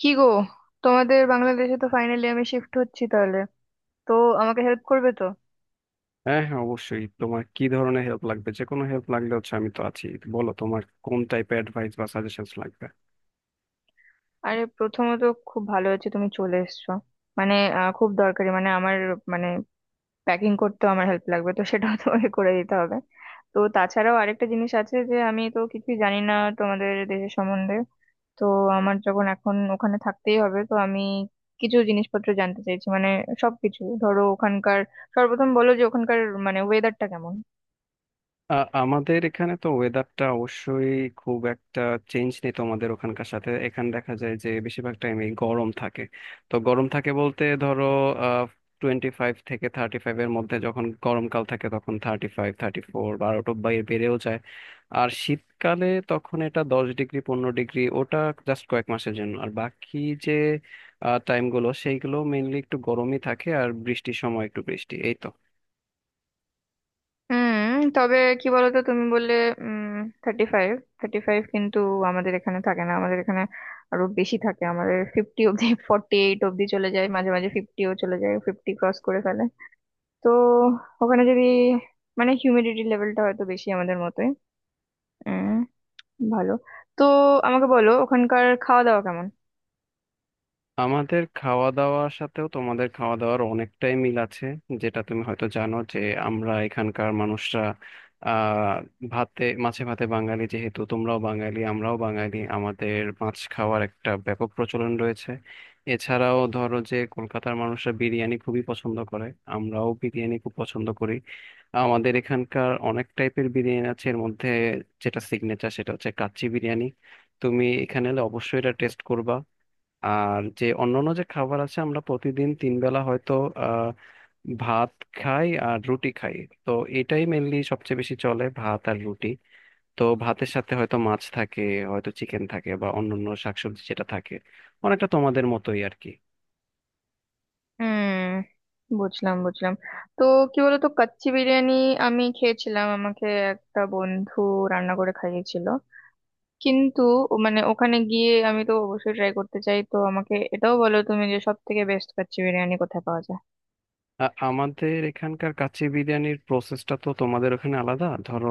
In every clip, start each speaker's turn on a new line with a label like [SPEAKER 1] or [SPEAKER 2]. [SPEAKER 1] কি গো, তোমাদের বাংলাদেশে তো ফাইনালি আমি শিফট হচ্ছি তাহলে। তো আমাকে হেল্প করবে তো?
[SPEAKER 2] হ্যাঁ, হ্যাঁ, অবশ্যই, তোমার কি ধরনের হেল্প লাগবে? যে কোনো হেল্প লাগলে হচ্ছে আমি তো আছি। বলো, তোমার কোন টাইপের অ্যাডভাইস বা সাজেশন লাগবে।
[SPEAKER 1] আরে প্রথমত খুব ভালো হচ্ছে তুমি চলে এসছো। মানে খুব দরকারি মানে আমার, মানে প্যাকিং করতে আমার হেল্প লাগবে, তো সেটাও তোমাকে করে দিতে হবে। তো তাছাড়াও আরেকটা জিনিস আছে যে আমি তো কিছুই জানি না তোমাদের দেশের সম্বন্ধে। তো আমার যখন এখন ওখানে থাকতেই হবে, তো আমি কিছু জিনিসপত্র জানতে চাইছি মানে সবকিছু, ধরো ওখানকার। সর্বপ্রথম বলো যে ওখানকার মানে ওয়েদারটা কেমন?
[SPEAKER 2] আ, আমাদের এখানে তো ওয়েদারটা অবশ্যই খুব একটা চেঞ্জ নেই তোমাদের ওখানকার সাথে। এখানে দেখা যায় যে বেশিরভাগ টাইমে গরম থাকে। তো গরম থাকে বলতে ধরো 25 থেকে 35 এর মধ্যে, যখন গরমকাল থাকে তখন 35 34 12টা বাইরে বেড়েও যায়। আর শীতকালে তখন এটা 10 ডিগ্রি 15 ডিগ্রি, ওটা জাস্ট কয়েক মাসের জন্য। আর বাকি যে টাইমগুলো সেইগুলো মেইনলি একটু গরমই থাকে, আর বৃষ্টির সময় একটু বৃষ্টি, এই তো।
[SPEAKER 1] হুম। তবে কি বলতো, তুমি বললে উম 35, 35 কিন্তু আমাদের এখানে থাকে না। আমাদের এখানে আরো বেশি থাকে, আমাদের 50 অব্দি, 48 অব্দি চলে যায়, মাঝে মাঝে 50-ও চলে যায়, 50 ক্রস করে ফেলে। তো ওখানে যদি মানে হিউমিডিটি লেভেলটা হয়তো বেশি আমাদের মতোই। উম ভালো। তো আমাকে বলো ওখানকার খাওয়া দাওয়া কেমন?
[SPEAKER 2] আমাদের খাওয়া দাওয়ার সাথেও তোমাদের খাওয়া দাওয়ার অনেকটাই মিল আছে। যেটা তুমি হয়তো জানো, যে আমরা এখানকার মানুষরা আহ ভাতে মাছে, ভাতে বাঙালি। যেহেতু তোমরাও বাঙালি আমরাও বাঙালি, আমাদের মাছ খাওয়ার একটা ব্যাপক প্রচলন রয়েছে। এছাড়াও ধরো যে কলকাতার মানুষরা বিরিয়ানি খুবই পছন্দ করে, আমরাও বিরিয়ানি খুব পছন্দ করি। আমাদের এখানকার অনেক টাইপের বিরিয়ানি আছে, এর মধ্যে যেটা সিগনেচার সেটা হচ্ছে কাচ্চি বিরিয়ানি। তুমি এখানে এলে অবশ্যই এটা টেস্ট করবা। আর যে অন্যান্য যে খাবার আছে, আমরা প্রতিদিন 3 বেলা হয়তো আহ ভাত খাই আর রুটি খাই। তো এটাই মেনলি সবচেয়ে বেশি চলে, ভাত আর রুটি। তো ভাতের সাথে হয়তো মাছ থাকে, হয়তো চিকেন থাকে, বা অন্যান্য শাকসবজি যেটা থাকে, অনেকটা তোমাদের মতোই আর কি।
[SPEAKER 1] হুম, বুঝলাম বুঝলাম। তো কি বলতো, কাচ্চি বিরিয়ানি আমি খেয়েছিলাম, আমাকে একটা বন্ধু রান্না করে খাইয়েছিল। কিন্তু মানে ওখানে গিয়ে আমি তো অবশ্যই ট্রাই করতে চাই, তো আমাকে এটাও বলো তুমি যে সব থেকে বেস্ট কাচ্চি বিরিয়ানি কোথায় পাওয়া যায়।
[SPEAKER 2] আমাদের এখানকার কাচ্চি বিরিয়ানির প্রসেসটা তো তোমাদের ওখানে আলাদা ধরো।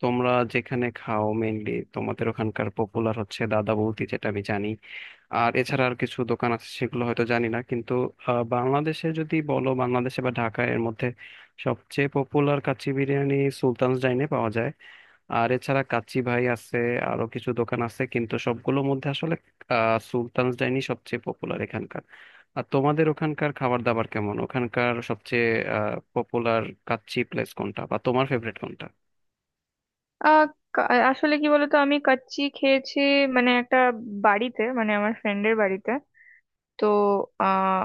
[SPEAKER 2] তোমরা যেখানে খাও মেনলি, তোমাদের ওখানকার পপুলার হচ্ছে দাদা বৌদি, যেটা আমি জানি। আর এছাড়া আর কিছু দোকান আছে সেগুলো হয়তো জানি না, কিন্তু বাংলাদেশে যদি বলো, বাংলাদেশে বা ঢাকায় এর মধ্যে সবচেয়ে পপুলার কাচ্চি বিরিয়ানি সুলতান'স ডাইনে পাওয়া যায়। আর এছাড়া কাচ্চি ভাই আছে, আরো কিছু দোকান আছে, কিন্তু সবগুলোর মধ্যে আসলে সুলতান'স ডাইনি সবচেয়ে পপুলার এখানকার। আর তোমাদের ওখানকার খাবার দাবার কেমন? ওখানকার সবচেয়ে পপুলার কাচ্চি প্লেস কোনটা, বা তোমার ফেভারিট কোনটা?
[SPEAKER 1] আহ কা- আসলে কি বলতো, আমি কাচ্চি খেয়েছি মানে একটা বাড়িতে, মানে আমার ফ্রেন্ডের বাড়িতে। তো আহ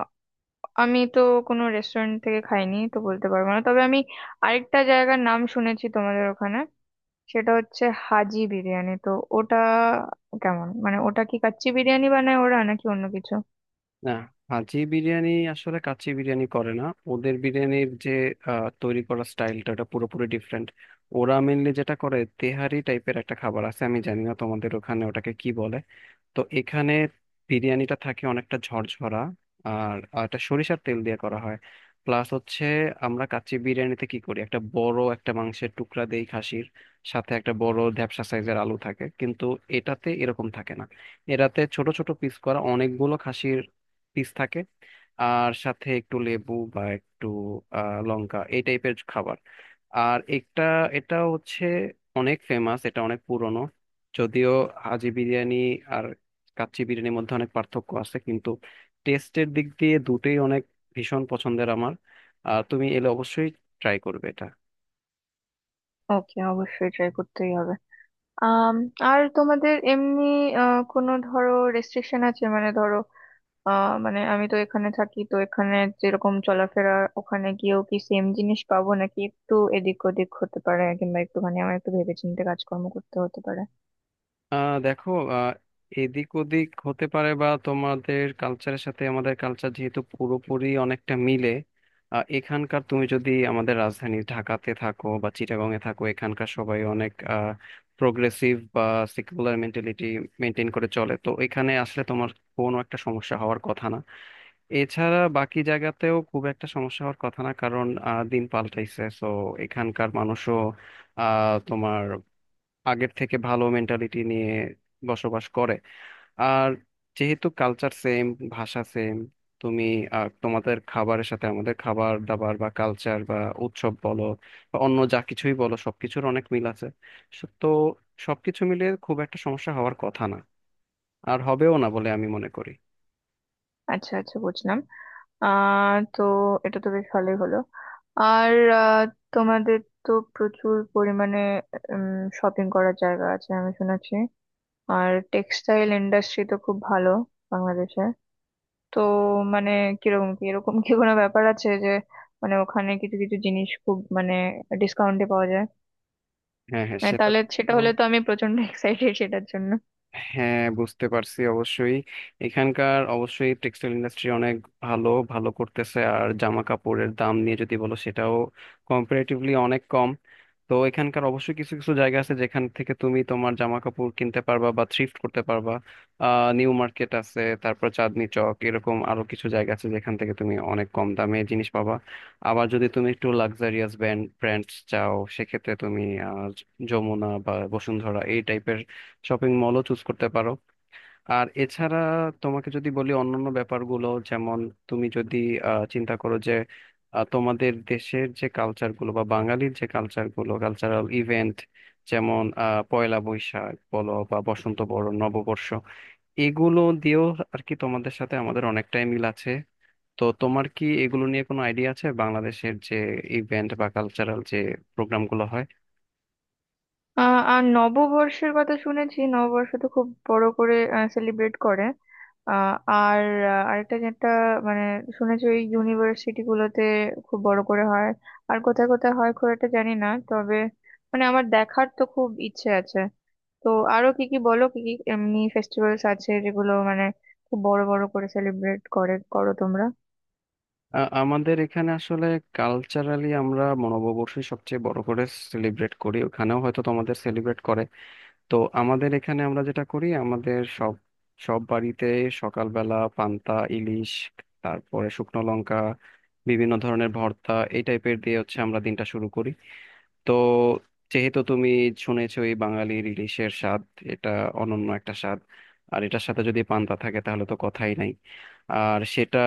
[SPEAKER 1] আমি তো কোনো রেস্টুরেন্ট থেকে খাইনি, তো বলতে পারবো না। তবে আমি আরেকটা জায়গার নাম শুনেছি তোমাদের ওখানে, সেটা হচ্ছে হাজি বিরিয়ানি। তো ওটা কেমন? মানে ওটা কি কাচ্চি বিরিয়ানি বানায় ওরা নাকি অন্য কিছু?
[SPEAKER 2] না, হাজি বিরিয়ানি আসলে কাচ্চি বিরিয়ানি করে না। ওদের বিরিয়ানির যে তৈরি করার স্টাইলটা, ওটা পুরোপুরি ডিফারেন্ট। ওরা মেনলি যেটা করে তেহারি টাইপের একটা খাবার আছে, আমি জানি না তোমাদের ওখানে ওটাকে কি বলে। তো এখানে বিরিয়ানিটা থাকে অনেকটা ঝরঝরা, আর আর এটা সরিষার তেল দিয়ে করা হয়। প্লাস হচ্ছে আমরা কাচ্চি বিরিয়ানিতে কি করি, একটা বড় একটা মাংসের টুকরা দেই খাসির, সাথে একটা বড় ধ্যাপসা সাইজের আলু থাকে। কিন্তু এটাতে এরকম থাকে না, এটাতে ছোট ছোট পিস করা অনেকগুলো খাসির পিস থাকে। আর সাথে একটু লেবু বা একটু লঙ্কা, এই টাইপের খাবার। আর একটা, এটা হচ্ছে অনেক ফেমাস, এটা অনেক পুরনো যদিও, হাজি বিরিয়ানি আর কাচ্চি বিরিয়ানির মধ্যে অনেক পার্থক্য আছে, কিন্তু টেস্টের দিক দিয়ে দুটোই অনেক ভীষণ পছন্দের আমার। তুমি এলে অবশ্যই ট্রাই করবে এটা।
[SPEAKER 1] ওকে, অবশ্যই ট্রাই করতেই হবে। আম, আর তোমাদের এমনি কোনো ধরো রেস্ট্রিকশন আছে? মানে ধরো মানে আমি তো এখানে থাকি, তো এখানে যেরকম চলাফেরা, ওখানে গিয়েও কি সেম জিনিস পাবো, নাকি একটু এদিক ওদিক হতে পারে, কিংবা একটুখানি আমার একটু ভেবেচিন্তে কাজকর্ম করতে হতে পারে?
[SPEAKER 2] দেখো, আহ এদিক ওদিক হতে পারে, বা তোমাদের কালচারের সাথে আমাদের কালচার যেহেতু পুরোপুরি অনেকটা মিলে। এখানকার, তুমি যদি আমাদের রাজধানী ঢাকাতে থাকো বা চিটাগং এ থাকো, এখানকার সবাই অনেক প্রোগ্রেসিভ বা সেকুলার মেন্টালিটি মেনটেন করে চলে। তো এখানে আসলে তোমার কোনো একটা সমস্যা হওয়ার কথা না। এছাড়া বাকি জায়গাতেও খুব একটা সমস্যা হওয়ার কথা না, কারণ দিন পাল্টাইছে, সো এখানকার মানুষও তোমার আগের থেকে ভালো মেন্টালিটি নিয়ে বসবাস করে। আর যেহেতু কালচার সেম, ভাষা সেম, তুমি তোমাদের খাবারের সাথে আমাদের খাবার দাবার বা কালচার বা উৎসব বলো বা অন্য যা কিছুই বলো, সবকিছুর অনেক মিল আছে। সো তো সবকিছু মিলে খুব একটা সমস্যা হওয়ার কথা না, আর হবেও না বলে আমি মনে করি।
[SPEAKER 1] আচ্ছা আচ্ছা, বুঝলাম। তো এটা তো বেশ ভালোই হলো। আর আহ, তোমাদের তো প্রচুর পরিমাণে শপিং করার জায়গা আছে আমি শুনেছি, আর টেক্সটাইল ইন্ডাস্ট্রি তো খুব ভালো বাংলাদেশে। তো মানে কিরকম কি, এরকম কি কোনো ব্যাপার আছে যে মানে ওখানে কিছু কিছু জিনিস খুব মানে ডিসকাউন্টে পাওয়া যায়?
[SPEAKER 2] হ্যাঁ, হ্যাঁ,
[SPEAKER 1] মানে
[SPEAKER 2] সেটা
[SPEAKER 1] তাহলে সেটা
[SPEAKER 2] তো।
[SPEAKER 1] হলে তো আমি প্রচন্ড এক্সাইটেড সেটার জন্য।
[SPEAKER 2] হ্যাঁ, বুঝতে পারছি অবশ্যই। এখানকার অবশ্যই টেক্সটাইল ইন্ডাস্ট্রি অনেক ভালো ভালো করতেছে। আর জামা কাপড়ের দাম নিয়ে যদি বলো, সেটাও কম্পারেটিভলি অনেক কম। তো এখানকার অবশ্যই কিছু কিছু জায়গা আছে যেখান থেকে তুমি তোমার জামা কাপড় কিনতে পারবা বা থ্রিফ্ট করতে পারবা। নিউ মার্কেট আছে, তারপর চাঁদনি চক, এরকম আরো কিছু জায়গা আছে যেখান থেকে তুমি অনেক কম দামে জিনিস পাবা। আবার যদি তুমি একটু লাক্সারিয়াস ব্র্যান্ড ব্র্যান্ড চাও, সেক্ষেত্রে তুমি আহ, যমুনা বা বসুন্ধরা এই টাইপের শপিং মলও চুজ করতে পারো। আর এছাড়া তোমাকে যদি বলি অন্যান্য ব্যাপারগুলো, যেমন তুমি যদি চিন্তা করো যে তোমাদের দেশের যে কালচারগুলো বা বাঙালির যে কালচারগুলো, কালচারাল ইভেন্ট যেমন পয়লা বৈশাখ বলো বা বসন্ত বরণ নববর্ষ, এগুলো দিয়েও আর কি তোমাদের সাথে আমাদের অনেকটাই মিল আছে। তো তোমার কি এগুলো নিয়ে কোনো আইডিয়া আছে, বাংলাদেশের যে ইভেন্ট বা কালচারাল যে প্রোগ্রামগুলো হয়?
[SPEAKER 1] আর নববর্ষের কথা শুনেছি, নববর্ষ তো খুব বড় করে সেলিব্রেট করে। আহ আর আরেকটা যেটা মানে শুনেছি, ওই ইউনিভার্সিটি গুলোতে খুব বড় করে হয়। আর কোথায় কোথায় হয় খুব একটা জানি না, তবে মানে আমার দেখার তো খুব ইচ্ছে আছে। তো আরো কি কি বলো, কি কি এমনি ফেস্টিভ্যালস আছে যেগুলো মানে খুব বড় বড় করে সেলিব্রেট করে করো তোমরা?
[SPEAKER 2] আমাদের এখানে আসলে কালচারালি আমরা নববর্ষই সবচেয়ে বড় করে সেলিব্রেট করি, ওখানেও হয়তো তোমাদের সেলিব্রেট করে। তো আমাদের এখানে আমরা যেটা করি, আমাদের সব সব বাড়িতে সকালবেলা পান্তা ইলিশ, তারপরে শুকনো লঙ্কা, বিভিন্ন ধরনের ভর্তা, এই টাইপের দিয়ে হচ্ছে আমরা দিনটা শুরু করি। তো যেহেতু তুমি শুনেছই, বাঙালি ইলিশের স্বাদ, এটা অনন্য একটা স্বাদ। আর এটার সাথে যদি পান্তা থাকে তাহলে তো কথাই নাই। আর সেটা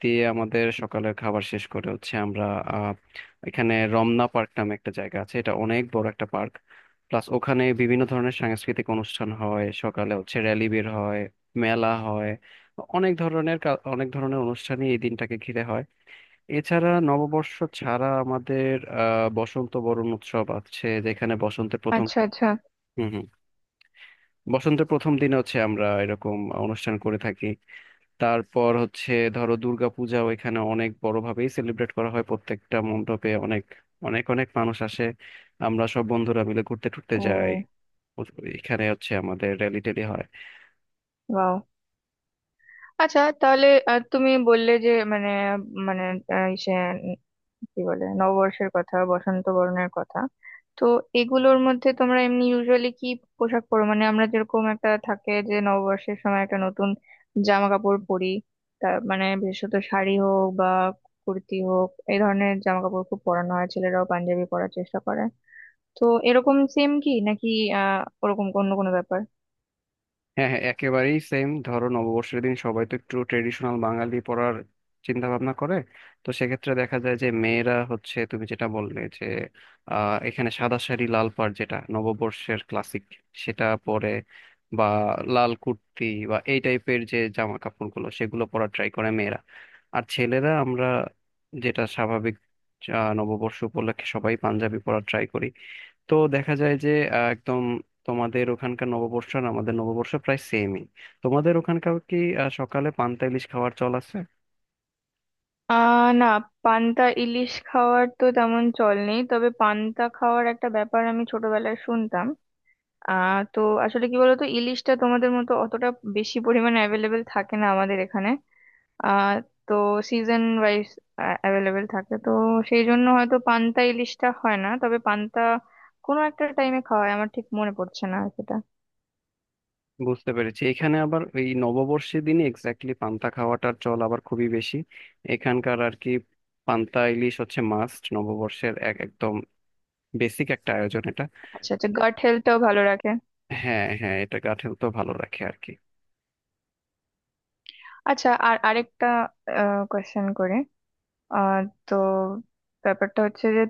[SPEAKER 2] দিয়ে আমাদের সকালের খাবার শেষ করে হচ্ছে আমরা আহ, এখানে রমনা পার্ক নামে একটা জায়গা আছে, এটা অনেক বড় একটা পার্ক। প্লাস ওখানে বিভিন্ন ধরনের সাংস্কৃতিক অনুষ্ঠান হয়, সকালে হচ্ছে র্যালি বের হয়, মেলা হয়, অনেক ধরনের অনেক ধরনের অনুষ্ঠানই এই দিনটাকে ঘিরে হয়। এছাড়া নববর্ষ ছাড়া আমাদের বসন্ত বরণ উৎসব আছে, যেখানে বসন্তের প্রথম।
[SPEAKER 1] আচ্ছা আচ্ছা।
[SPEAKER 2] হুম, হুম। বসন্তের প্রথম দিনে হচ্ছে আমরা এরকম অনুষ্ঠান করে থাকি। তারপর হচ্ছে ধরো দুর্গাপূজাও এখানে অনেক বড়ভাবেই সেলিব্রেট করা হয়, প্রত্যেকটা মণ্ডপে অনেক অনেক অনেক মানুষ আসে। আমরা সব বন্ধুরা মিলে ঘুরতে টুরতে যাই,
[SPEAKER 1] ও।
[SPEAKER 2] এখানে হচ্ছে আমাদের র্যালি ট্যালি হয়।
[SPEAKER 1] বাহ। আচ্ছা তাহলে তুমি বললে যে মানে, মানে আহ, সে কি বলে, নববর্ষের কথা, বসন্ত বরণের কথা। তো এগুলোর মধ্যে তোমরা এমনি ইউজুয়ালি কি পোশাক পরো? মানে আমরা যেরকম একটা থাকে যে নববর্ষের সময় একটা নতুন জামা কাপড় পরি, তা মানে বিশেষত শাড়ি হোক বা কুর্তি হোক এই ধরনের জামা কাপড় খুব পরানো হয়, ছেলেরাও পাঞ্জাবি পরার চেষ্টা করে। তো এরকম সেম কি নাকি ওরকম অন্য কোনো ব্যাপার?
[SPEAKER 2] হ্যাঁ, হ্যাঁ, একেবারেই সেম। ধরো নববর্ষের দিন সবাই তো একটু ট্রেডিশনাল বাঙালি পড়ার চিন্তা ভাবনা করে। তো সেক্ষেত্রে দেখা যায় যে মেয়েরা হচ্ছে, তুমি যেটা বললে, যে এখানে সাদা শাড়ি লাল পাড়, যেটা নববর্ষের ক্লাসিক, সেটা পরে, বা লাল কুর্তি বা এই টাইপের যে জামা কাপড়গুলো সেগুলো পরা ট্রাই করে মেয়েরা। আর ছেলেরা আমরা যেটা স্বাভাবিক, নববর্ষ উপলক্ষে সবাই পাঞ্জাবি পরা ট্রাই করি। তো দেখা যায় যে একদম তোমাদের ওখানকার নববর্ষ আর আমাদের নববর্ষ প্রায় সেমই। তোমাদের ওখানকার কি সকালে পান্তা ইলিশ খাওয়ার চল আছে?
[SPEAKER 1] আহ না, পান্তা ইলিশ খাওয়ার তো তেমন চল নেই, তবে পান্তা খাওয়ার একটা ব্যাপার আমি ছোটবেলায় শুনতাম। তো আসলে কি বলতো, ইলিশটা তোমাদের মতো অতটা বেশি পরিমাণে অ্যাভেলেবেল থাকে না আমাদের এখানে। আহ তো সিজন ওয়াইজ অ্যাভেলেবেল থাকে, তো সেই জন্য হয়তো পান্তা ইলিশটা হয় না। তবে পান্তা কোনো একটা টাইমে খাওয়া হয়, আমার ঠিক মনে পড়ছে না সেটা।
[SPEAKER 2] বুঝতে পেরেছি, এখানে আবার ওই নববর্ষের দিন এক্স্যাক্টলি পান্তা খাওয়াটার চল আবার খুবই বেশি এখানকার আর কি। পান্তা ইলিশ হচ্ছে মাস্ট নববর্ষের, এক একদম বেসিক একটা আয়োজন এটা।
[SPEAKER 1] আচ্ছা আচ্ছা, গাট হেলথটাও ভালো রাখে।
[SPEAKER 2] হ্যাঁ, হ্যাঁ, এটা গা তো ভালো রাখে আর কি।
[SPEAKER 1] আচ্ছা, আর আরেকটা কোয়েশ্চেন করে আহ তো, ব্যাপারটা হচ্ছে যে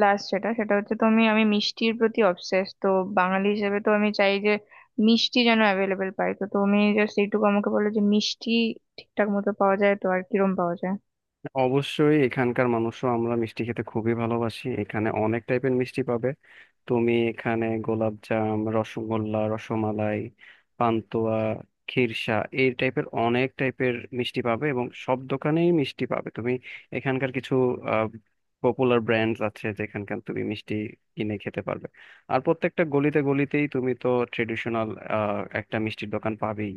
[SPEAKER 1] লাস্ট যেটা সেটা হচ্ছে, তো আমি আমি মিষ্টির প্রতি অবসেস তো। বাঙালি হিসেবে তো আমি চাই যে মিষ্টি যেন অ্যাভেলেবেল পাই, তো তুমি জাস্ট এইটুকু আমাকে বলো যে মিষ্টি ঠিকঠাক মতো পাওয়া যায় তো, আর কিরম পাওয়া যায়?
[SPEAKER 2] অবশ্যই এখানকার মানুষও আমরা মিষ্টি খেতে খুবই ভালোবাসি, এখানে অনেক টাইপের মিষ্টি পাবে। তুমি এখানে গোলাপজাম, রসগোল্লা, রসমালাই, পান্তুয়া, ক্ষীরসা, এই টাইপের অনেক টাইপের মিষ্টি পাবে, এবং সব দোকানেই মিষ্টি পাবে তুমি। এখানকার কিছু পপুলার ব্র্যান্ডস আছে যেখানকার তুমি মিষ্টি কিনে খেতে পারবে। আর প্রত্যেকটা গলিতে গলিতেই তুমি তো ট্রেডিশনাল একটা মিষ্টির দোকান পাবেই।